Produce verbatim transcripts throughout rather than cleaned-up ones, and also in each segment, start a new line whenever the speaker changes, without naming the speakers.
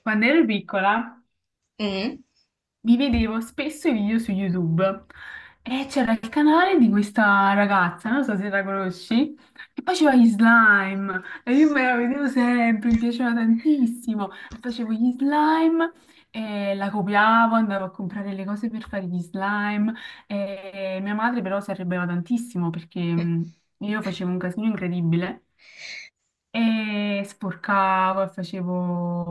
Quando ero piccola
Mm.
mi vedevo spesso i video su YouTube e c'era il canale di questa ragazza, non so se la conosci, che faceva gli slime e io me la vedevo sempre, mi piaceva tantissimo e facevo gli slime e la copiavo, andavo a comprare le cose per fare gli slime e mia madre però si arrabbiava tantissimo perché mh, io facevo un casino incredibile e sporcavo e facevo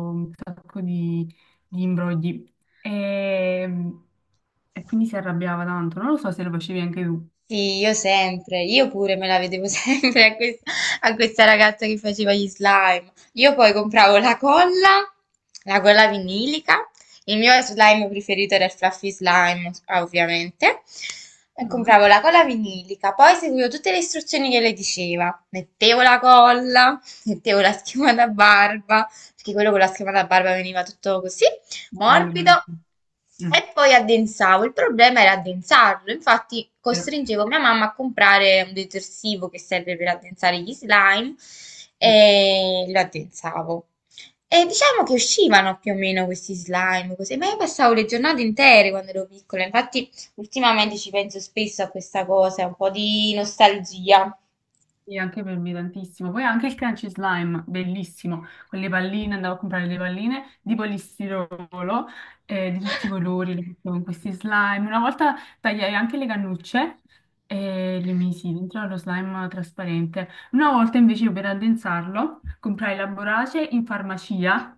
un sacco di, di imbrogli. E, e quindi si arrabbiava tanto. Non lo so se lo facevi anche tu.
Sì, io sempre, io pure me la vedevo sempre a, quest- a questa ragazza che faceva gli slime. Io poi compravo la colla, la colla vinilica. Il mio slime preferito era il Fluffy Slime, ah, ovviamente. E
Mm.
compravo la colla vinilica, poi seguivo tutte le istruzioni che lei diceva. Mettevo la colla, mettevo la schiuma da barba, perché quello con la schiuma da barba veniva tutto così
Bello,
morbido.
bellissimo. Mm,
E poi addensavo. Il problema era addensarlo, infatti
vero.
costringevo mia mamma a comprare un detersivo che serve per addensare gli slime
Mm.
e lo addensavo. E diciamo che uscivano più o meno questi slime, così, ma io passavo le giornate intere quando ero piccola, infatti ultimamente ci penso spesso a questa cosa, un po' di nostalgia.
Sì, anche per me tantissimo. Poi anche il crunchy slime, bellissimo, con le palline, andavo a comprare le palline di polistirolo eh, di tutti i colori, le mettevo in questi slime. Una volta tagliai anche le cannucce e le misi dentro allo slime trasparente. Una volta invece io per addensarlo comprai la borace in farmacia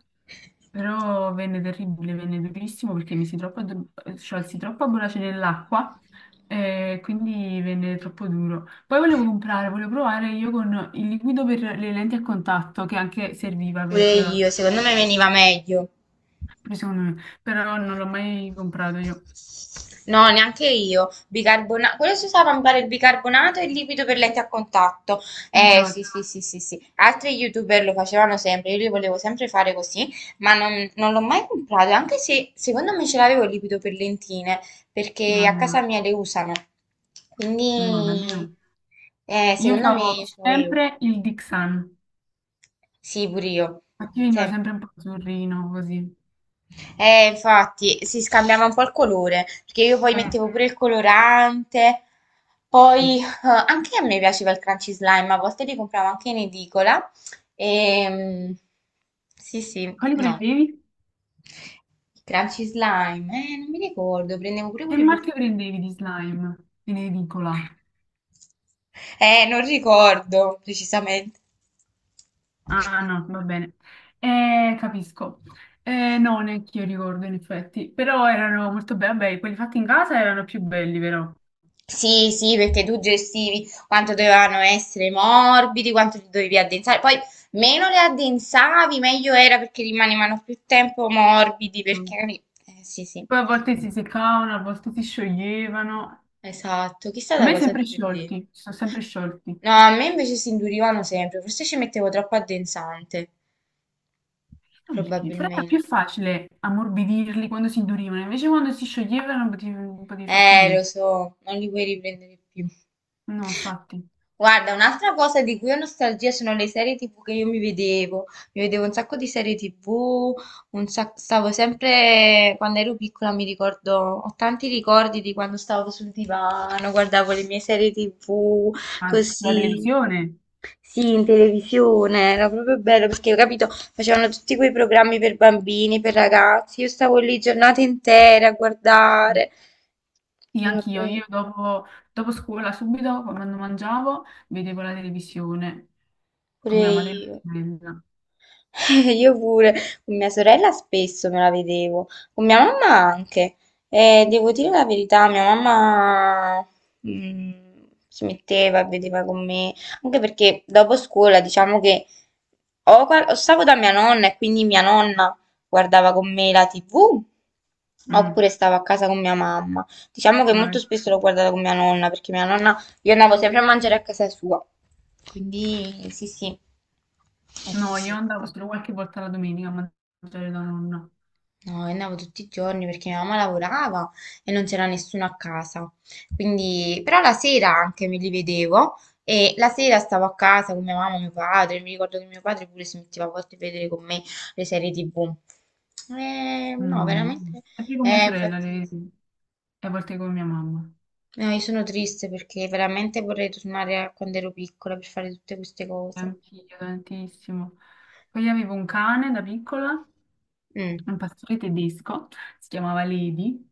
però venne terribile, venne durissimo perché mi si troppo, addor- cioè, si troppo abbolace nell'acqua e quindi venne troppo duro. Poi volevo comprare, volevo provare io con il liquido per le lenti a contatto che anche serviva
Pure
per,
io, secondo me veniva meglio.
per secondo me, però non l'ho mai comprato io.
No, neanche io. Bicarbona- Quello si usava, mi pare, il bicarbonato e il liquido per letti a contatto. Eh, sì,
Esatto,
sì, sì, sì, sì. Altri YouTuber lo facevano sempre, io li volevo sempre fare così, ma non, non l'ho mai comprato, anche se secondo me ce l'avevo il liquido per lentine, perché
no,
a
no,
casa
no,
mia le usano.
no, da
Quindi,
me no.
eh,
Io
secondo
usavo
me ce l'avevo.
sempre il Dixan,
Sì, pure io.
infatti veniva
Sempre.
sempre un po' azzurrino così.
Eh, infatti si scambiava un po' il colore, perché io poi
Eh.
mettevo pure il colorante, poi eh, anche a me piaceva il crunchy slime, a volte li compravo anche in edicola. E, sì, sì,
Quali
no,
prendevi?
il crunchy slime, eh, non mi ricordo, prendevo pure
Che
quelli
marchio
profumi.
prendevi di slime in edicola?
Eh, non ricordo precisamente.
Ah no, va bene. Eh, capisco. Eh, no, neanche io ricordo in effetti, però erano molto belli, vabbè, quelli fatti in casa erano più belli però.
Sì, sì, perché tu gestivi quanto dovevano essere morbidi, quanto li dovevi addensare. Poi meno le addensavi, meglio era perché rimanevano più tempo morbidi,
Mm.
perché... magari- Eh, sì, sì,
Poi a volte si seccavano, a volte si scioglievano.
esatto. Chissà
A
da
me
cosa
sempre
dipendeva.
sciolti, si sono sempre sciolti. Non
No, a me invece si indurivano sempre, forse ci mettevo troppo addensante,
so perché? Però era
probabilmente.
più facile ammorbidirli quando si indurivano, invece quando si scioglievano non potevi, non potevi fare più
Eh, lo
niente.
so, non li vuoi riprendere più.
No, infatti.
Guarda, un'altra cosa di cui ho nostalgia sono le serie T V che io mi vedevo. Mi vedevo un sacco di serie T V, un sac- stavo sempre, quando ero piccola mi ricordo, ho tanti ricordi di quando stavo sul divano, guardavo le mie serie T V,
Ma sulla
così.
televisione?
Sì, in televisione, era proprio bello perché ho capito, facevano tutti quei programmi per bambini, per ragazzi. Io stavo lì giornate intere a guardare.
Sì,
Era
anch'io,
bello.
io dopo, dopo scuola, subito quando mangiavo, vedevo la televisione con
Pure
mia madre e mia
io.
sorella.
Io pure, con mia sorella spesso me la vedevo, con mia mamma anche. E devo dire la verità, mia mamma mm, si metteva e vedeva con me, anche perché dopo scuola diciamo che o, guard- o stavo da mia nonna e quindi mia nonna guardava con me la T V,
Mm,
oppure stavo a casa con mia mamma. Diciamo che molto
noi-
spesso l'ho guardata con mia nonna, perché mia nonna, io andavo sempre a mangiare a casa sua. Quindi sì, sì, è
no,
così.
io andavo solo qualche volta la domenica a mangiare da nonna.
No, io andavo tutti i giorni perché mia mamma lavorava e non c'era nessuno a casa. Quindi, però la sera anche me li vedevo e la sera stavo a casa con mia mamma e mio padre. Mi ricordo che mio padre pure si metteva a volte a vedere con me le serie T V. Eh, no,
No.
veramente.
Sempre con mia
Eh,
sorella,
infatti,
le-
sì.
vedevo, e a volte con mia mamma.
No, io sono triste perché veramente vorrei tornare a quando ero piccola per fare tutte queste
Sì,
cose.
anch'io tantissimo. Poi avevo un cane da piccola,
Mm.
un pastore tedesco, si chiamava Levi,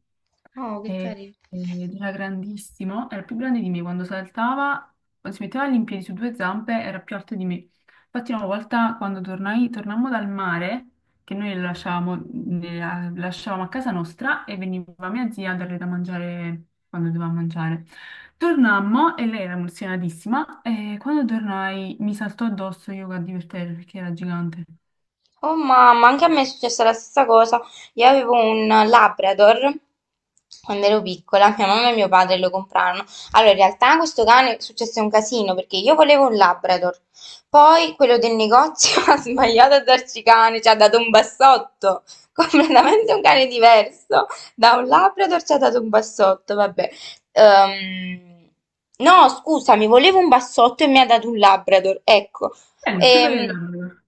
Oh, che
e-
carino.
ed era grandissimo, era più grande di me, quando saltava, quando si metteva in piedi su due zampe, era più alto di me. Infatti una volta quando tornai, tornammo dal mare, che noi lo lasciavamo, ne- la- lasciavamo a casa nostra e veniva mia zia a darle da mangiare quando doveva mangiare. Tornammo e lei era emozionatissima e quando tornai mi saltò addosso Yoga di per terra perché era gigante.
Oh mamma, anche a me è successa la stessa cosa. Io avevo un Labrador quando ero piccola, mia mamma e mio padre lo comprarono. Allora, in realtà questo cane successe un casino perché io volevo un Labrador. Poi quello del negozio ha sbagliato a darci cane, ci ha dato un bassotto, completamente un cane diverso. Da un Labrador ci ha dato un bassotto, vabbè. Ehm, no, scusami, volevo un bassotto e mi ha dato un Labrador, ecco.
Bello, il più bello
E,
dell'anno.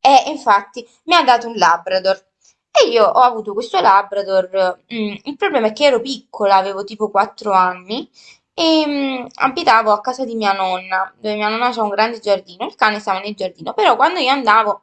e infatti mi ha dato un Labrador. E io ho avuto questo Labrador. mm, il problema è che ero piccola, avevo tipo quattro anni e mm, abitavo a casa di mia nonna, dove mia nonna c'ha un grande giardino. Il cane stava nel giardino, però quando io andavo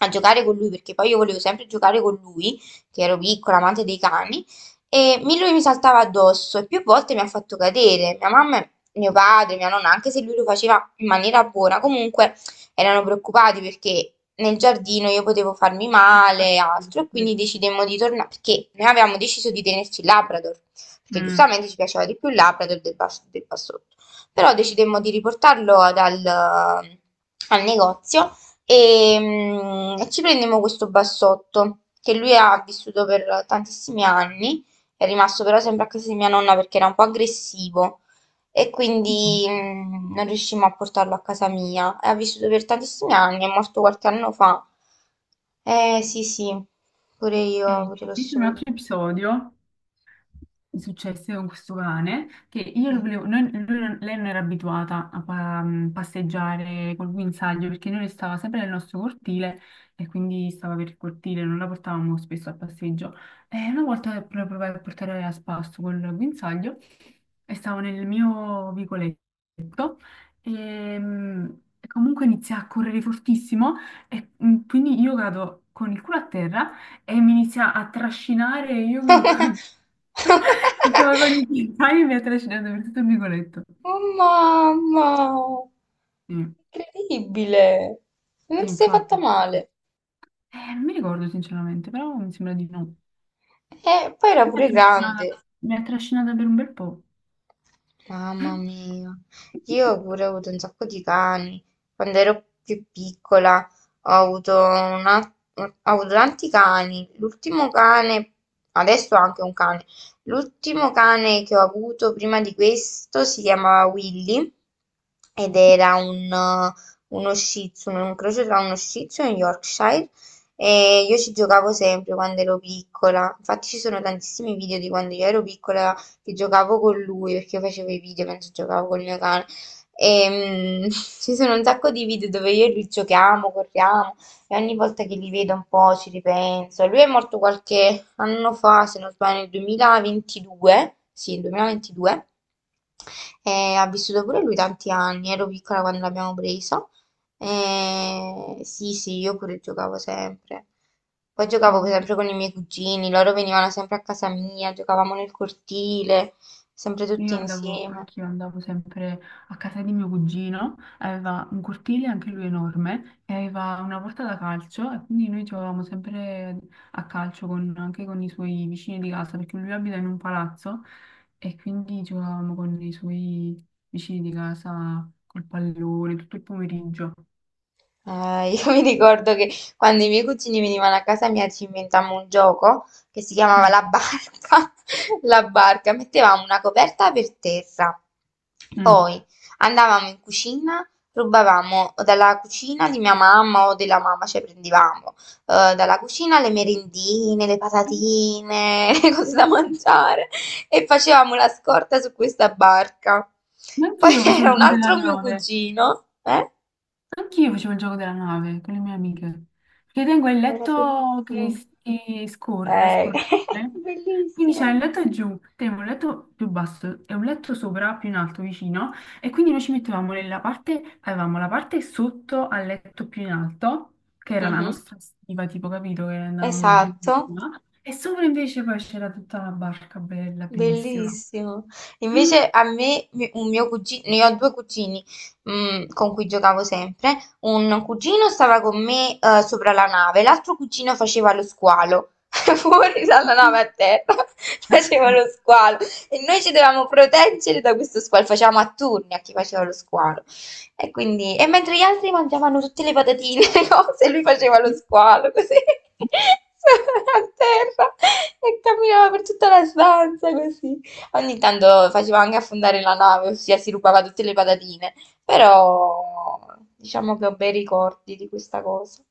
a giocare con lui, perché poi io volevo sempre giocare con lui, che ero piccola, amante dei cani, e mi- lui mi saltava addosso e più volte mi ha fatto cadere. Mia mamma, mio padre, mia nonna, anche se lui lo faceva in maniera buona, comunque erano preoccupati perché nel giardino io potevo farmi male e altro, e quindi decidemmo di tornare, perché noi avevamo deciso di tenerci il Labrador, perché
Mm.
giustamente ci piaceva di più il Labrador del, bas- del Bassotto, però decidemmo di riportarlo dal- al negozio e, mm, e ci prendemmo questo Bassotto, che lui ha vissuto per tantissimi anni, è rimasto però sempre a casa di mia nonna perché era un po' aggressivo e quindi mm, non riuscimmo a portarlo a casa mia. Ha vissuto per tantissimi anni, è morto qualche anno fa. Eh sì, sì, pure io
E
ho avuto lo
invece
stesso
un altro
problema.
episodio successe con questo cane che io lo
Mm.
volevo, noi- lui non- lei non era abituata a pa- mm, passeggiare col guinzaglio perché noi stava sempre nel nostro cortile e quindi stava per il cortile, non la portavamo spesso al passeggio. E una volta pro- provai a portare a spasso col guinzaglio e stavo nel mio vicoletto e mh, comunque inizia a correre fortissimo e mh, quindi io cado con il culo a terra e mi inizia a trascinare e io che stavo con i piedi mi ha trascinato per tutto il vicoletto.
Oh, mamma,
Sì,
incredibile! Non ti sei fatta
infatti. Sì, sì.
male.
Eh, non mi ricordo sinceramente, però mi sembra di no.
E poi era
Mi ha
pure grande.
trascinata, mi ha trascinata per un bel po'.
Mamma mia, io pure ho avuto un sacco di cani. Quando ero più piccola ho avuto, una- ho avuto tanti cani. L'ultimo cane, adesso ho anche un cane. L'ultimo cane che ho avuto prima di questo si chiamava Willy ed era un, eh, uno Shih Tzu, un incrocio tra uno Shih Tzu e un Yorkshire. E io ci giocavo sempre quando ero piccola. Infatti ci sono tantissimi video di quando io ero piccola che giocavo con lui perché io facevo i video mentre giocavo col mio cane. E, mm, ci sono un sacco di video dove io e lui giochiamo, corriamo e ogni volta che li vedo un po' ci ripenso. Lui è morto qualche anno fa, se non sbaglio, nel duemilaventidue, sì, nel duemilaventidue, e ha vissuto pure lui tanti anni, ero piccola quando l'abbiamo preso. Eh, sì, sì, io pure giocavo sempre. Poi giocavo sempre con i miei cugini, loro venivano sempre a casa mia, giocavamo nel cortile, sempre tutti
Io andavo,
insieme.
anch'io andavo sempre a casa di mio cugino, aveva un cortile anche lui enorme e aveva una porta da calcio e quindi noi giocavamo sempre a calcio con- anche con i suoi vicini di casa perché lui abita in un palazzo e quindi giocavamo con i suoi vicini di casa col pallone tutto il pomeriggio.
Ah, io mi ricordo che quando i miei cugini venivano a casa mia ci inventammo un gioco che si chiamava
Mm,
la barca. La barca, mettevamo una coperta per terra,
mm.
poi andavamo in cucina, rubavamo dalla cucina di mia mamma o della mamma, cioè prendevamo eh, dalla cucina le merendine, le patatine, le cose da mangiare e facevamo la scorta su questa barca. Poi
Anch'io facevo
c'era
il
un
giro della
altro mio
nave.
cugino, eh?
Anch'io facevo il gioco della nave con le mie amiche, perché tengo il
Era
letto
bellissimo.
che, s- che scorre,
Eh,
scorrevole, quindi
bellissimo.
c'è il letto giù, tenevo un letto più basso e un letto sopra, più in alto, vicino, e quindi noi ci mettevamo nella parte, avevamo la parte sotto al letto più in alto, che era la
Mhm,
nostra stiva, tipo, capito, che andavamo giù,
esatto,
là, e sopra invece poi c'era tutta la barca bella, bellissima.
bellissimo.
Mm.
Invece a me, mi- un mio cugino, io ho due cugini mm, con cui giocavo sempre. Un cugino stava con me eh, sopra la nave, l'altro cugino faceva lo squalo. Fuori dalla nave a terra faceva lo squalo e noi ci dovevamo proteggere da questo squalo. Facevamo a turni a chi faceva lo squalo. E quindi, e mentre gli altri mangiavano tutte le patatine, le cose, lui faceva lo squalo così, a terra e camminava per tutta la stanza così. Ogni tanto faceva anche affondare la nave, ossia si rubava tutte le patatine, però diciamo che ho bei ricordi di questa cosa.